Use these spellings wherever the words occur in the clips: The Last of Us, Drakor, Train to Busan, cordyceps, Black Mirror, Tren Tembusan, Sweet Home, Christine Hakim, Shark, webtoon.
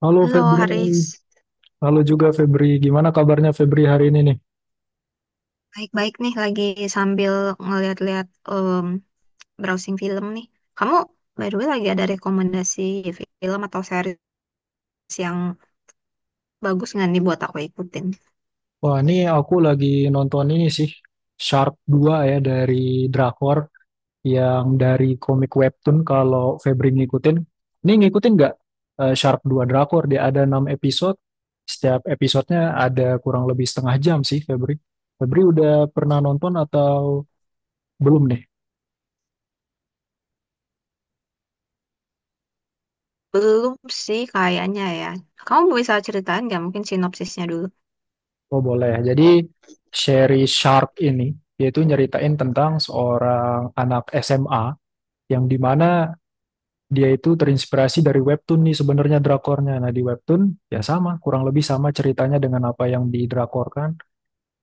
Halo Halo Febri, Haris, halo juga Febri. Gimana kabarnya Febri hari ini nih? baik-baik nih lagi sambil ngeliat-liat em, browsing film nih. Kamu, by the way, lagi ada rekomendasi film atau series yang bagus nggak nih buat aku ikutin? Wah, ini aku lagi nonton ini sih, Shark dua ya dari Drakor yang dari komik webtoon kalau Febri ngikutin. Ini ngikutin nggak Shark 2 Drakor? Dia ada 6 episode, setiap episodenya ada kurang lebih setengah jam sih Febri. Febri udah pernah nonton atau belum nih? Belum sih kayaknya ya. Kamu bisa ceritain nggak mungkin sinopsisnya dulu? Oh, boleh. Ya. Jadi seri Shark ini yaitu nyeritain tentang seorang anak SMA yang dimana dia itu terinspirasi dari webtoon nih sebenarnya drakornya. Nah, di webtoon ya sama, kurang lebih sama ceritanya dengan apa yang didrakorkan.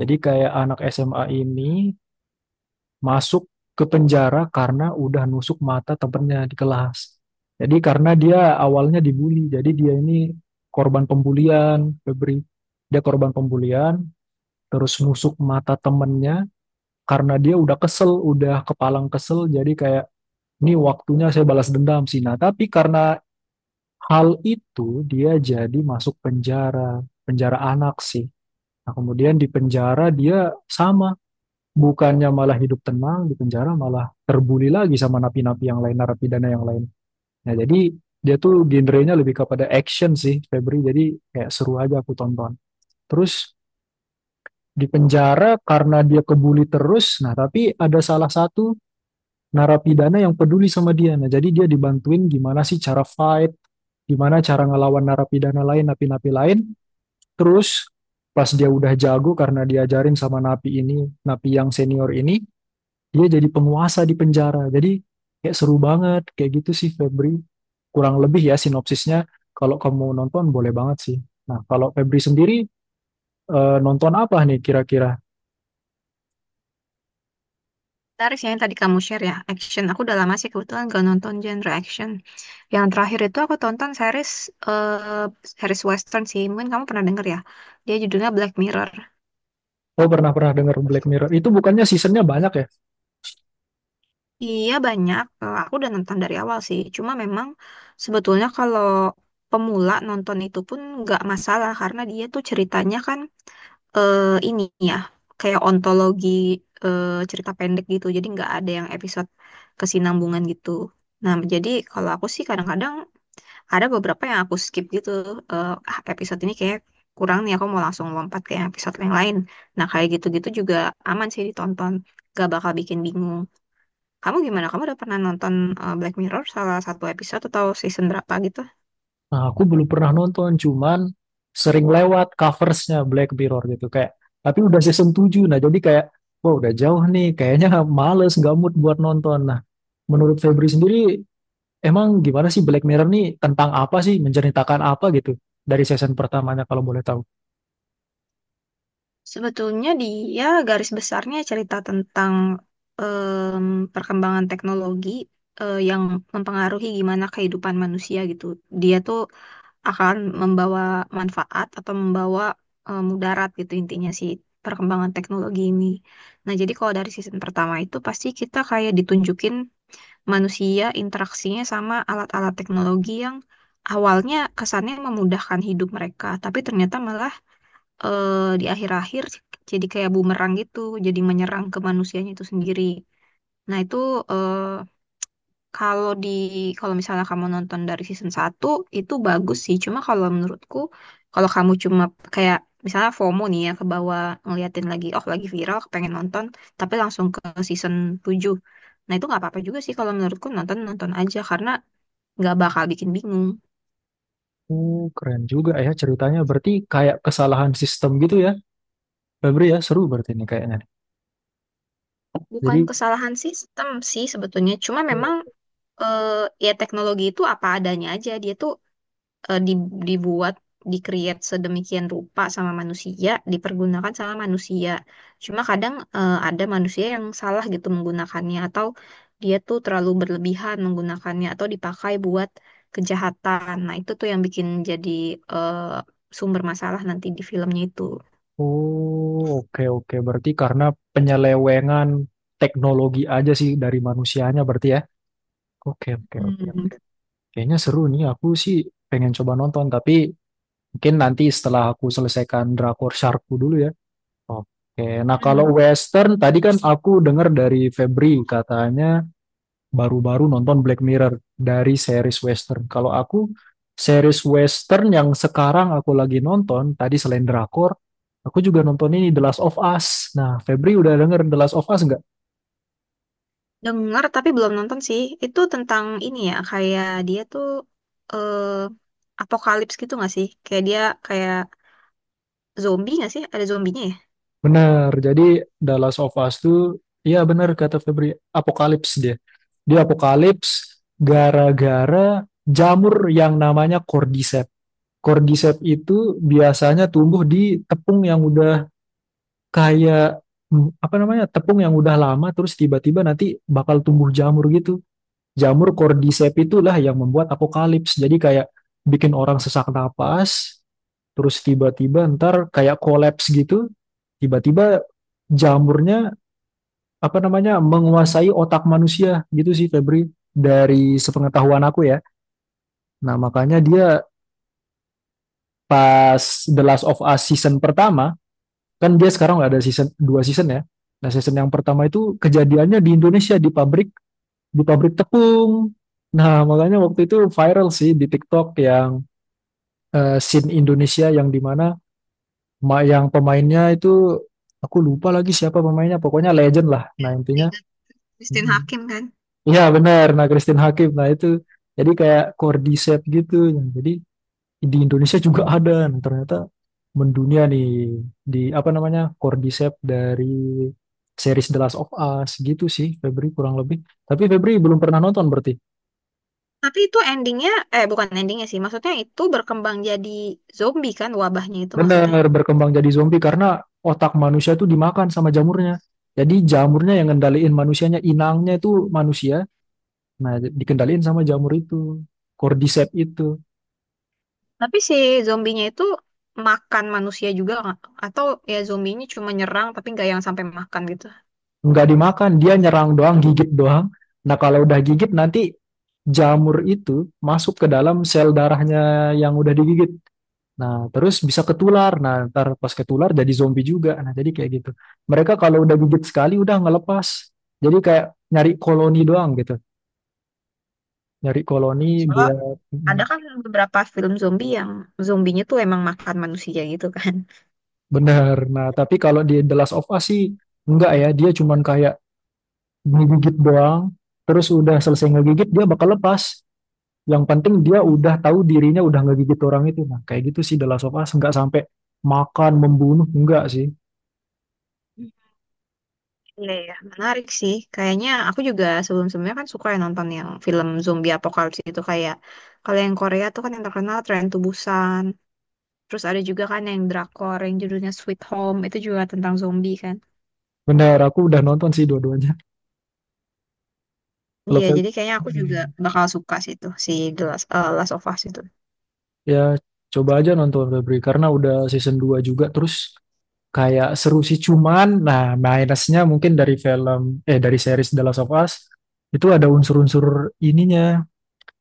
Jadi kayak anak SMA ini masuk ke penjara karena udah nusuk mata temennya di kelas. Jadi karena dia awalnya dibully, jadi dia ini korban pembulian, Febri. Dia korban pembulian, terus nusuk mata temennya karena dia udah kesel, udah kepalang kesel, jadi kayak ini waktunya saya balas dendam sih. Nah, tapi karena hal itu dia jadi masuk penjara, penjara anak sih. Nah, kemudian di penjara dia sama, bukannya malah hidup tenang, di penjara malah terbuli lagi sama napi-napi yang lain, narapidana yang lain. Nah, jadi dia tuh genrenya lebih kepada action sih, Febri. Jadi kayak seru aja aku tonton. Terus di penjara karena dia kebuli terus, nah tapi ada salah satu narapidana yang peduli sama dia. Nah, jadi dia dibantuin gimana sih cara fight, gimana cara ngelawan narapidana lain, napi-napi lain. Terus pas dia udah jago karena diajarin sama napi ini, napi yang senior ini, dia jadi penguasa di penjara. Jadi kayak seru banget, kayak gitu sih Febri. Kurang lebih ya sinopsisnya. Kalau kamu nonton boleh banget sih. Nah, kalau Febri sendiri nonton apa nih kira-kira? Tarik yang tadi kamu share ya, action. Aku udah lama sih kebetulan gak nonton genre action. Yang terakhir itu aku tonton series eh series western sih. Mungkin kamu pernah denger ya. Dia judulnya Black Mirror. Oh, pernah-pernah denger Black Mirror. Itu bukannya seasonnya banyak ya? Iya banyak. Eh, aku udah nonton dari awal sih. Cuma memang sebetulnya kalau pemula nonton itu pun nggak masalah karena dia tuh ceritanya kan, eh, ini ya, kayak ontologi, eh, cerita pendek gitu. Jadi nggak ada yang episode kesinambungan gitu. Nah, jadi kalau aku sih kadang-kadang ada beberapa yang aku skip gitu. Episode ini kayak kurang nih, aku mau langsung lompat ke episode yang lain. Nah, kayak gitu-gitu juga aman sih ditonton. Gak bakal bikin bingung. Kamu gimana? Kamu udah pernah nonton Black Mirror salah satu episode atau season berapa gitu? Nah, aku belum pernah nonton, cuman sering lewat coversnya Black Mirror gitu kayak. Tapi udah season 7 nah jadi kayak, wah udah jauh nih, kayaknya males, gak mood buat nonton. Nah, menurut Febri sendiri, emang gimana sih Black Mirror nih tentang apa sih, menceritakan apa gitu dari season pertamanya kalau boleh tahu? Sebetulnya dia garis besarnya cerita tentang, perkembangan teknologi yang mempengaruhi gimana kehidupan manusia gitu. Dia tuh akan membawa manfaat atau membawa, mudarat gitu, intinya sih perkembangan teknologi ini. Nah, jadi kalau dari season pertama itu pasti kita kayak ditunjukin manusia interaksinya sama alat-alat teknologi yang awalnya kesannya memudahkan hidup mereka, tapi ternyata malah, di akhir-akhir jadi kayak bumerang gitu, jadi menyerang ke manusianya itu sendiri. Nah, itu, eh, kalau di, kalau misalnya kamu nonton dari season satu itu bagus sih. Cuma kalau menurutku kalau kamu cuma kayak misalnya FOMO nih, ya ke bawah ngeliatin lagi, oh lagi viral pengen nonton, tapi langsung ke season tujuh. Nah, itu nggak apa-apa juga sih kalau menurutku, nonton-nonton aja karena nggak bakal bikin bingung. Oh, keren juga ya ceritanya. Berarti kayak kesalahan sistem gitu ya, Febri ya, seru berarti ini kayaknya. Bukan Jadi. kesalahan sistem sih sebetulnya. Cuma memang, ya, teknologi itu apa adanya aja. Dia tuh eh, di- dibuat, di-create sedemikian rupa sama manusia, dipergunakan sama manusia. Cuma kadang, eh, ada manusia yang salah gitu menggunakannya, atau dia tuh terlalu berlebihan menggunakannya, atau dipakai buat kejahatan. Nah, itu tuh yang bikin jadi, eh, sumber masalah nanti di filmnya itu. Oh, oke oke. Berarti karena penyelewengan teknologi aja sih dari manusianya berarti ya. Oke oke oke. Hmm. Kayaknya seru nih. Aku sih pengen coba nonton tapi mungkin nanti setelah aku selesaikan Drakor Sharkku dulu ya. Oke. Nah, kalau Hmm. western tadi kan aku dengar dari Febri katanya baru-baru nonton Black Mirror dari series western. Kalau aku series western yang sekarang aku lagi nonton tadi selain drakor, aku juga nonton ini The Last of Us. Nah, Febri udah denger The Last of Us nggak? Dengar tapi belum nonton sih. Itu tentang ini ya, kayak dia tuh eh apokalips gitu nggak sih? Kayak dia kayak zombie nggak sih? Ada zombinya ya? Bener. Jadi The Last of Us tuh, iya bener kata Febri, apokalips dia. Dia apokalips gara-gara jamur yang namanya cordyceps. Cordyceps itu biasanya tumbuh di tepung yang udah kayak apa namanya tepung yang udah lama terus tiba-tiba nanti bakal tumbuh jamur gitu. Jamur cordyceps itulah yang membuat apokalips. Jadi kayak bikin orang sesak napas, terus tiba-tiba ntar kayak kolaps gitu. Tiba-tiba jamurnya apa namanya menguasai otak manusia gitu sih Febri dari sepengetahuan aku ya. Nah makanya dia pas The Last of Us season pertama, kan dia sekarang nggak ada season dua season ya, nah season yang pertama itu kejadiannya di Indonesia, di pabrik tepung. Nah makanya waktu itu viral sih di TikTok yang scene Indonesia yang dimana yang pemainnya itu aku lupa lagi siapa pemainnya, pokoknya legend lah, Ya, nah intinya. ingat Christine Hakim kan. Iya benar, nah Christine Hakim, nah itu jadi kayak cordyceps gitu. Nah, jadi di Indonesia juga ada. Nah, ternyata mendunia nih di apa namanya Cordyceps dari series The Last of Us gitu sih Febri kurang lebih. Tapi Febri belum pernah nonton berarti. Tapi itu endingnya, eh bukan endingnya sih, maksudnya itu berkembang jadi zombie kan wabahnya itu, Bener maksudnya. berkembang jadi zombie karena otak manusia itu dimakan sama jamurnya. Jadi jamurnya yang ngendaliin manusianya, inangnya itu manusia. Nah, dikendaliin sama jamur itu, Cordyceps itu. Tapi si zombinya itu makan manusia juga nggak? Atau ya zombinya cuma nyerang tapi nggak yang sampai makan gitu. Nggak dimakan, dia nyerang doang, gigit doang. Nah, kalau udah gigit nanti jamur itu masuk ke dalam sel darahnya yang udah digigit. Nah, terus bisa ketular. Nah, ntar pas ketular jadi zombie juga. Nah, jadi kayak gitu. Mereka kalau udah gigit sekali udah nggak lepas. Jadi kayak nyari koloni doang gitu. Nyari koloni buat. Ada kan beberapa film zombie yang zombinya tuh emang makan manusia gitu kan. Bener. Nah, tapi kalau di The Last of Us sih enggak ya. Dia cuman kayak ngegigit doang. Terus udah selesai ngegigit dia bakal lepas. Yang penting dia Hmm. udah tahu dirinya udah nggak gigit orang itu. Nah, kayak gitu sih The Last of Us nggak sampai makan membunuh enggak sih. Iya, iya, menarik sih. Kayaknya aku juga sebelum-sebelumnya kan suka ya nonton yang film zombie apocalypse itu, kayak kalau yang Korea tuh kan yang terkenal Train to Busan. Terus ada juga kan yang drakor yang judulnya Sweet Home, itu juga tentang zombie kan. Bener, aku udah nonton sih dua-duanya. Kalau Iya, Fel- jadi kayaknya aku juga Hmm. bakal suka sih itu si The Last, eh, Last of Us itu. Ya coba aja nonton Febri karena udah season 2 juga terus kayak seru sih cuman nah minusnya mungkin dari film eh dari series The Last of Us itu ada unsur-unsur ininya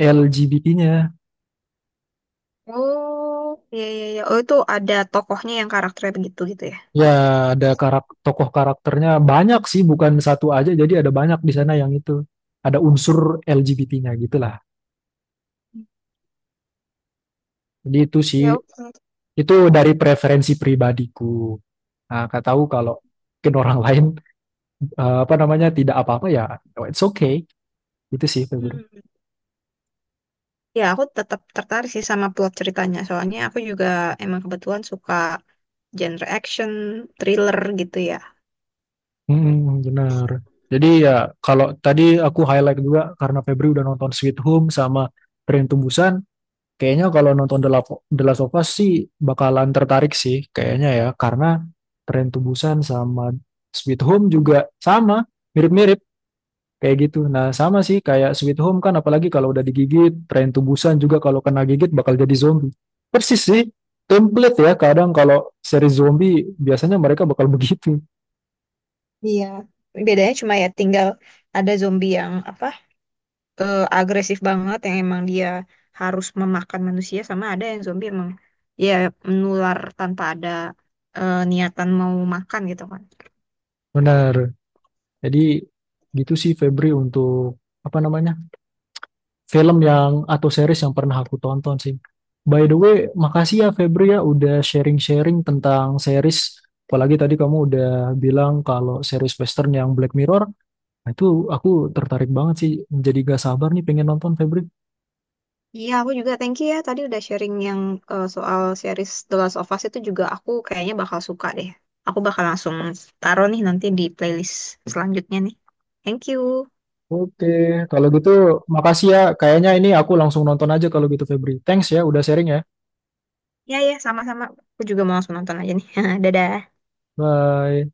LGBT-nya. Oh, iya iya iya. Oh, itu ada tokohnya yang karakternya begitu gitu ya. Ya, ada tokoh karakternya banyak sih, bukan satu aja. Jadi ada banyak di sana yang itu. Ada unsur LGBT-nya gitulah. Jadi itu sih, Ya, oke. itu dari preferensi pribadiku. Nah, kak tahu kalau mungkin orang lain apa namanya tidak apa-apa ya, oh, it's okay. Itu sih Febri. Hmm. Ya, aku tetap tertarik sih sama plot ceritanya. Soalnya aku juga emang kebetulan suka genre action, thriller gitu ya. Mm, benar. Jadi ya kalau tadi aku highlight juga karena Febri udah nonton Sweet Home sama Tren Tembusan. Kayaknya kalau nonton The Last of Us sih bakalan tertarik sih kayaknya ya karena Tren Tubusan sama Sweet Home juga sama, mirip-mirip kayak gitu. Nah, sama sih kayak Sweet Home kan apalagi kalau udah digigit, Tren Tubusan juga kalau kena gigit bakal jadi zombie. Persis sih, template ya kadang kalau seri zombie biasanya mereka bakal begitu. Iya. Bedanya cuma ya tinggal ada zombie yang apa? Agresif banget yang emang dia harus memakan manusia, sama ada yang zombie emang ya menular tanpa ada, niatan mau makan gitu kan. Benar. Jadi gitu sih Febri untuk apa namanya? Film yang atau series yang pernah aku tonton sih. By the way, makasih ya Febri ya udah sharing-sharing tentang series. Apalagi tadi kamu udah bilang kalau series Western yang Black Mirror, nah itu aku tertarik banget sih. Jadi gak sabar nih pengen nonton Febri. Iya, aku juga thank you ya tadi udah sharing yang, soal series The Last of Us itu, juga aku kayaknya bakal suka deh. Aku bakal langsung taruh nih nanti di playlist selanjutnya nih. Thank you. Oke, kalau gitu makasih ya. Kayaknya ini aku langsung nonton aja kalau gitu Febri. Thanks ya udah sharing ya. Ya ya, sama-sama. Aku juga mau langsung nonton aja nih. Dadah. Bye.